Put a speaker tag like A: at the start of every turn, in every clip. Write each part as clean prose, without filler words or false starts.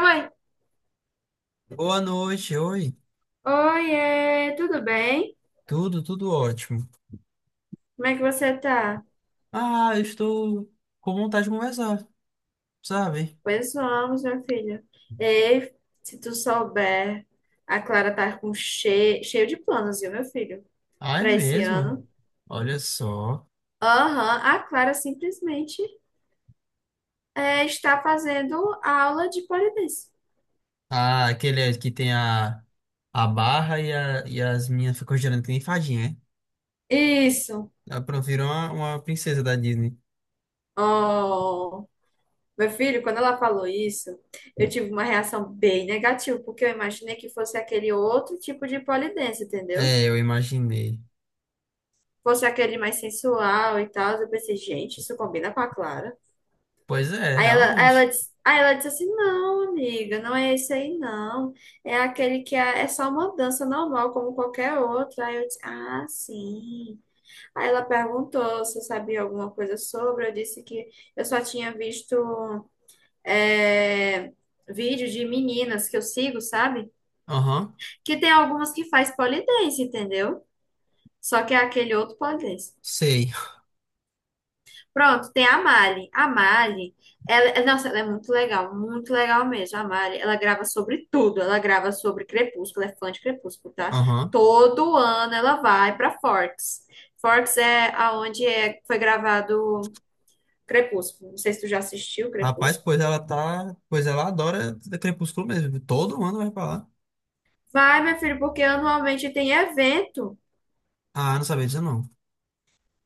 A: Oi,
B: Boa noite, oi.
A: oiê, tudo bem?
B: Tudo, ótimo.
A: Como é que você tá?
B: Ah, eu estou com vontade de conversar, sabe?
A: Pois vamos, meu filho. Ei, se tu souber, a Clara tá com cheio de planos, viu, meu filho,
B: Ah, é
A: pra esse
B: mesmo?
A: ano.
B: Olha só.
A: Aham, a Clara simplesmente está fazendo aula de pole dance.
B: Ah, aquele que tem a barra e, e as minhas ficam girando que nem fadinha, né?
A: Isso.
B: Ela virou uma princesa da Disney.
A: Oh, meu filho, quando ela falou isso, eu tive uma reação bem negativa, porque eu imaginei que fosse aquele outro tipo de pole dance, entendeu?
B: É, eu imaginei.
A: Fosse aquele mais sensual e tal. Eu pensei, gente, isso combina com a Clara.
B: Pois é,
A: Aí ela, aí ela,
B: realmente.
A: disse, aí ela disse assim: não, amiga, não é esse aí, não. É aquele que é só uma dança normal, como qualquer outra. Aí eu disse: ah, sim. Aí ela perguntou se eu sabia alguma coisa sobre. Eu disse que eu só tinha visto é, vídeos de meninas que eu sigo, sabe?
B: Aham,
A: Que tem algumas que faz pole dance, entendeu? Só que é aquele outro pole dance.
B: sei.
A: Pronto, tem a Mali. A Mali, nossa, ela é muito legal mesmo. A Mali, ela grava sobre tudo. Ela grava sobre Crepúsculo, é fã de Crepúsculo, tá?
B: Aham.
A: Todo ano ela vai pra Forks. Forks é aonde foi gravado Crepúsculo. Não sei se tu já assistiu
B: Rapaz,
A: Crepúsculo.
B: pois ela tá. Pois ela adora Crepúsculo mesmo. Todo mundo vai pra lá.
A: Vai, meu filho, porque anualmente tem evento.
B: Ah, não sabia disso não.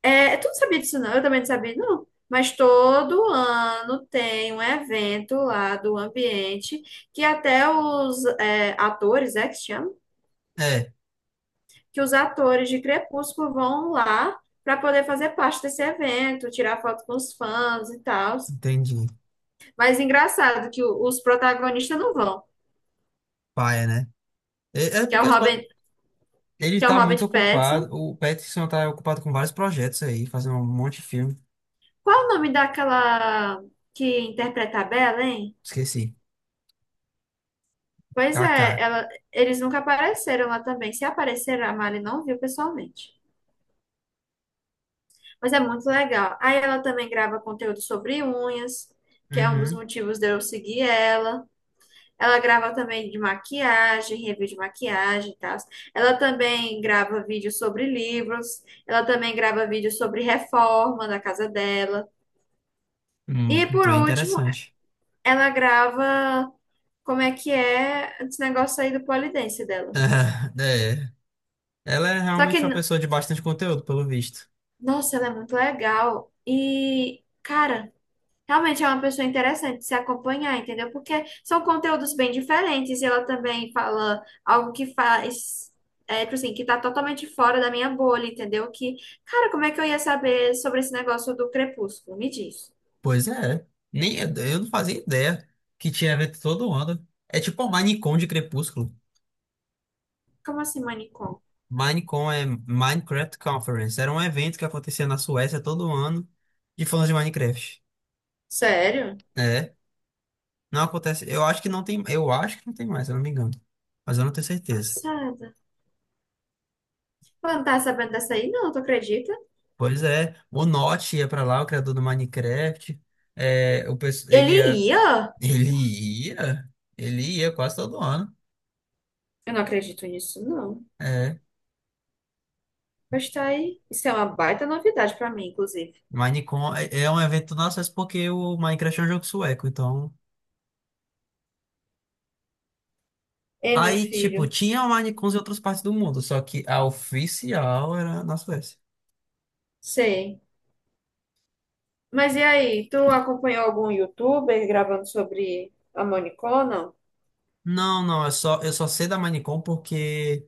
A: É, tu não sabia disso, não? Eu também não sabia, não. Mas todo ano tem um evento lá do ambiente que até os atores, é que se chama?
B: É,
A: Que os atores de Crepúsculo vão lá para poder fazer parte desse evento, tirar foto com os fãs e tal.
B: entendi.
A: Mas engraçado que os protagonistas não vão,
B: Paia, né? É
A: que é
B: porque
A: o
B: os
A: Robert,
B: ele
A: que é o
B: tá muito
A: Robert Pattinson.
B: ocupado. O Pattinson tá ocupado com vários projetos aí, fazendo um monte de filme.
A: Qual é o nome daquela que interpreta a Bella, hein?
B: Esqueci.
A: Pois é,
B: KK.
A: ela, eles nunca apareceram lá também. Se apareceram, a Mari não viu pessoalmente. Mas é muito legal. Aí ela também grava conteúdo sobre unhas, que é um dos
B: Uhum.
A: motivos de eu seguir ela. Ela grava também de maquiagem, review de maquiagem e tal. Ela também grava vídeos sobre livros. Ela também grava vídeos sobre reforma da casa dela. E por
B: Bem
A: último,
B: interessante.
A: ela grava como é que é esse negócio aí do polidense dela.
B: É. Ela é
A: Só que
B: realmente uma pessoa de bastante conteúdo, pelo visto.
A: nossa, ela é muito legal. E, cara, realmente é uma pessoa interessante de se acompanhar, entendeu? Porque são conteúdos bem diferentes e ela também fala algo que tipo assim, que tá totalmente fora da minha bolha, entendeu? Que, cara, como é que eu ia saber sobre esse negócio do Crepúsculo? Me diz.
B: Pois é. Nem, eu não fazia ideia que tinha evento todo ano. É tipo a Minecon de Crepúsculo.
A: Como assim, manicom?
B: Minecon é Minecraft Conference. Era um evento que acontecia na Suécia todo ano de fãs de Minecraft.
A: Sério?
B: É. Não acontece. Eu acho que não tem. Eu acho que não tem mais, se eu não me engano. Mas eu não tenho certeza.
A: Passada. Ela não tá sabendo dessa aí, não, tu acredita?
B: Pois é, o Notch ia pra lá, o criador do Minecraft. É, ele
A: Ele
B: ia.
A: ia?
B: Ele ia. Ele ia quase todo ano.
A: Eu não acredito nisso, não.
B: É.
A: Mas tá aí. Isso é uma baita novidade pra mim, inclusive.
B: Minecon é um evento nosso, mas porque o Minecraft é um jogo sueco, então.
A: Ei, meu
B: Aí, tipo,
A: filho,
B: tinha o Minecons em outras partes do mundo, só que a oficial era na Suécia.
A: sei. Mas e aí, tu acompanhou algum youtuber gravando sobre a Monicô, não?
B: Não, não, eu só sei da Minecon porque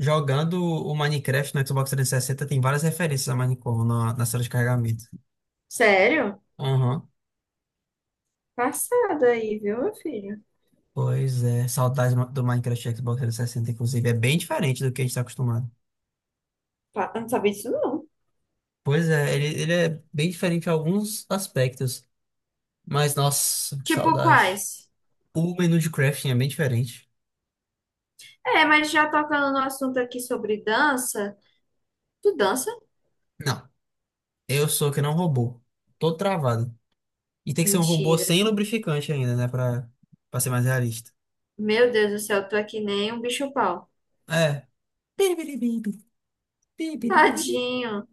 B: jogando o Minecraft no Xbox 360 tem várias referências a Minecraft na sala de carregamento.
A: Sério?
B: Aham.
A: Passado aí, viu, meu filho?
B: Pois é, saudades do Minecraft e Xbox 360, inclusive. É bem diferente do que a gente está acostumado.
A: Eu não sabia disso, não.
B: Pois é, ele é bem diferente em alguns aspectos. Mas, nossa, que
A: Tipo
B: saudade.
A: quais?
B: O menu de crafting é bem diferente.
A: É, mas já tocando no assunto aqui sobre dança. Tu dança?
B: Não, eu sou que não robô. Tô travado. E tem que ser um robô
A: Mentira.
B: sem lubrificante ainda, né? Pra ser mais realista.
A: Meu Deus do céu, tu é que nem um bicho-pau.
B: É.
A: Tadinho.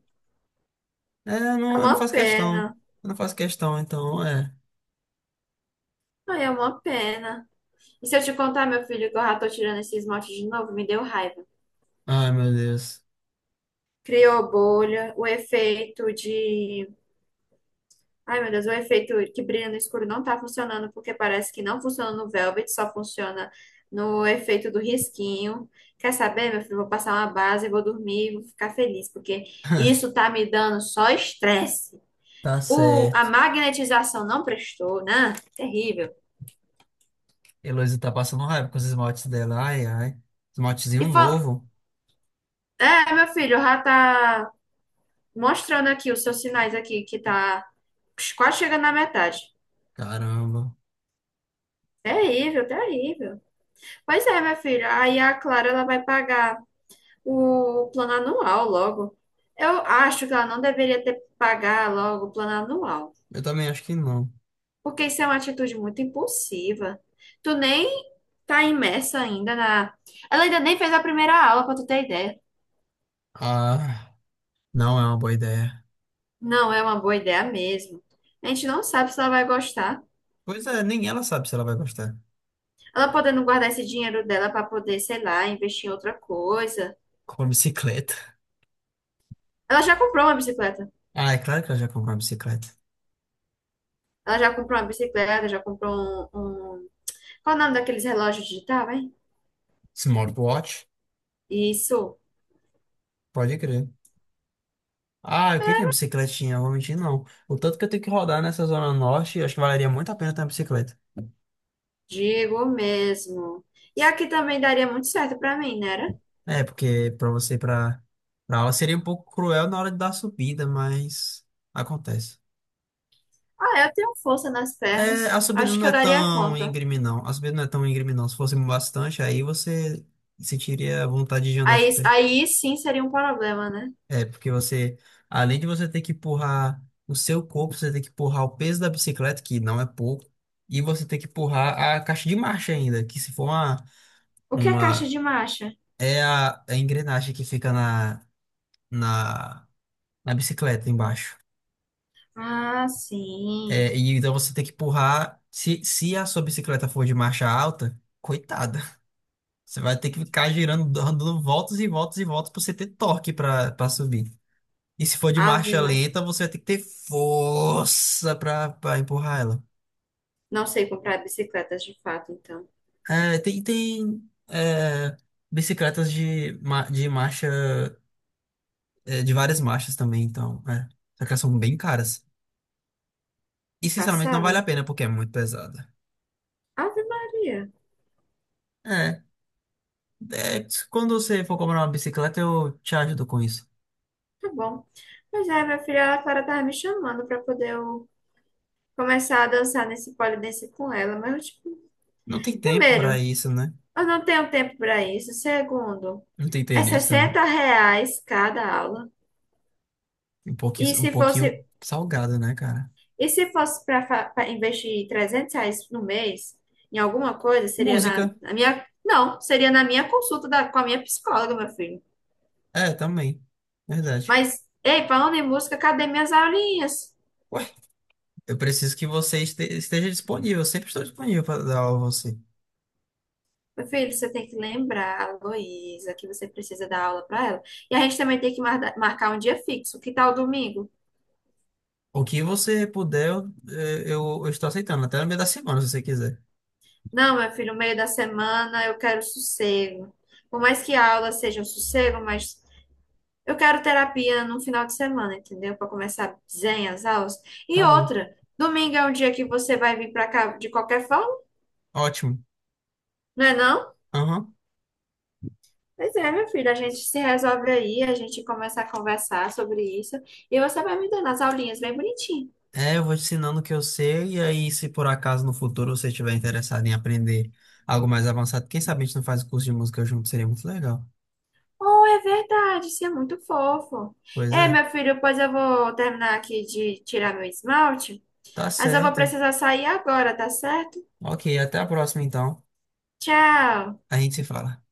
A: É
B: Eu não
A: uma
B: faço questão.
A: pena.
B: Eu não faço questão, então, é.
A: Ai, é uma pena. E se eu te contar, meu filho, que eu já tô tirando esse esmalte de novo, me deu raiva.
B: Ai, meu Deus.
A: Criou bolha, o efeito de. Ai, meu Deus, o efeito que brilha no escuro não tá funcionando, porque parece que não funciona no Velvet, só funciona no efeito do risquinho. Quer saber, meu filho? Vou passar uma base, vou dormir, vou ficar feliz, porque isso tá me dando só estresse.
B: Tá
A: O, a
B: certo.
A: magnetização não prestou, né? Terrível.
B: Heloísa tá passando raiva com os esmaltes dela. Ai, ai.
A: E
B: Esmaltezinho
A: fa-
B: novo.
A: é, meu filho, já tá mostrando aqui os seus sinais aqui, que tá quase chegando na metade.
B: Caramba.
A: Terrível, terrível. Pois é, minha filha. Aí a Clara ela vai pagar o plano anual logo. Eu acho que ela não deveria ter pagar logo o plano anual,
B: Eu também acho que não.
A: porque isso é uma atitude muito impulsiva. Tu nem tá imersa ainda na. Ela ainda nem fez a primeira aula, pra tu ter ideia.
B: Ah, não é uma boa ideia.
A: Não é uma boa ideia mesmo. A gente não sabe se ela vai gostar.
B: Pois é, nem ela sabe se ela vai gostar.
A: Ela podendo guardar esse dinheiro dela pra poder, sei lá, investir em outra coisa.
B: Comprou bicicleta.
A: Ela já comprou uma bicicleta.
B: Ah, é claro que ela já comprou uma bicicleta.
A: Ela já comprou uma bicicleta, já comprou um qual o nome daqueles relógios digital, hein?
B: Smartwatch?
A: Isso,
B: Pode crer. Ah, eu queria uma bicicletinha, eu vou mentir, não. O tanto que eu tenho que rodar nessa zona norte, acho que valeria muito a pena ter uma bicicleta.
A: digo mesmo. E aqui também daria muito certo pra mim, né? Era?
B: É, porque pra você, pra aula seria um pouco cruel na hora da subida, mas acontece.
A: Ah, eu tenho força nas
B: É,
A: pernas.
B: a subida
A: Acho
B: não
A: que eu
B: é
A: daria
B: tão
A: conta.
B: íngreme, não. A subida não é tão íngreme, não. Se fosse bastante, aí você sentiria vontade de andar de
A: Aí,
B: pé.
A: aí sim seria um problema, né?
B: É, porque você, além de você ter que empurrar o seu corpo, você tem que empurrar o peso da bicicleta, que não é pouco, e você tem que empurrar a caixa de marcha ainda, que se for
A: O que é caixa
B: uma,
A: de marcha?
B: é a engrenagem que fica na, na bicicleta embaixo.
A: Ah, sim.
B: É, e então você tem que empurrar. Se a sua bicicleta for de marcha alta, coitada. Você vai ter que ficar girando, dando voltas e voltas e voltas para você ter torque para subir. E se for de
A: Ave
B: marcha
A: Maria.
B: lenta, você vai ter que ter força para empurrar ela.
A: Não sei comprar bicicletas de fato, então.
B: É, tem tem é, bicicletas de, de marcha, é, de várias marchas também, então. É. Só que elas são bem caras. E sinceramente não vale a
A: Passada?
B: pena porque é muito pesada.
A: Ave Maria.
B: É. É, quando você for comprar uma bicicleta, eu te ajudo com isso.
A: Tá bom. Pois é, minha filha, a Clara tava me chamando pra poder eu começar a dançar nesse polidense com ela, mas eu, tipo,
B: Não tem tempo pra
A: primeiro,
B: isso, né?
A: eu não tenho tempo para isso. Segundo,
B: Não tem
A: é
B: interesse também.
A: R$ 60 cada aula. E
B: Um
A: se fosse,
B: pouquinho salgado, né, cara?
A: e se fosse para investir R$ 300 no mês em alguma coisa, seria na,
B: Música.
A: na minha. Não, seria na minha consulta com a minha psicóloga, meu filho.
B: É, também. Verdade.
A: Mas, ei, falando em música, cadê minhas aulinhas?
B: Ué, eu preciso que você esteja disponível. Eu sempre estou disponível para dar aula a você.
A: Meu filho, você tem que lembrar, a Heloísa, que você precisa dar aula para ela. E a gente também tem que marcar um dia fixo. Que tal domingo?
B: O que você puder, eu, é, eu estou aceitando. Até no meio da semana, se você quiser.
A: Não, meu filho, no meio da semana eu quero sossego. Por mais que a aula seja um sossego, mas eu quero terapia no final de semana, entendeu? Para começar zen as aulas. E
B: Tá bom.
A: outra, domingo é um dia que você vai vir para cá de qualquer forma,
B: Ótimo.
A: não é não?
B: Aham.
A: Pois é, meu filho, a gente se resolve aí, a gente começa a conversar sobre isso e você vai me dando as aulinhas bem bonitinho.
B: É, eu vou te ensinando o que eu sei, e aí, se por acaso no futuro você estiver interessado em aprender algo mais avançado, quem sabe a gente não faz o curso de música junto, seria muito legal.
A: Oh, é verdade, isso é muito fofo.
B: Pois
A: É,
B: é,
A: meu filho, pois eu vou terminar aqui de tirar meu esmalte.
B: tá
A: Mas eu vou
B: certo.
A: precisar sair agora, tá certo?
B: Ok, até a próxima então.
A: Tchau!
B: A gente se fala.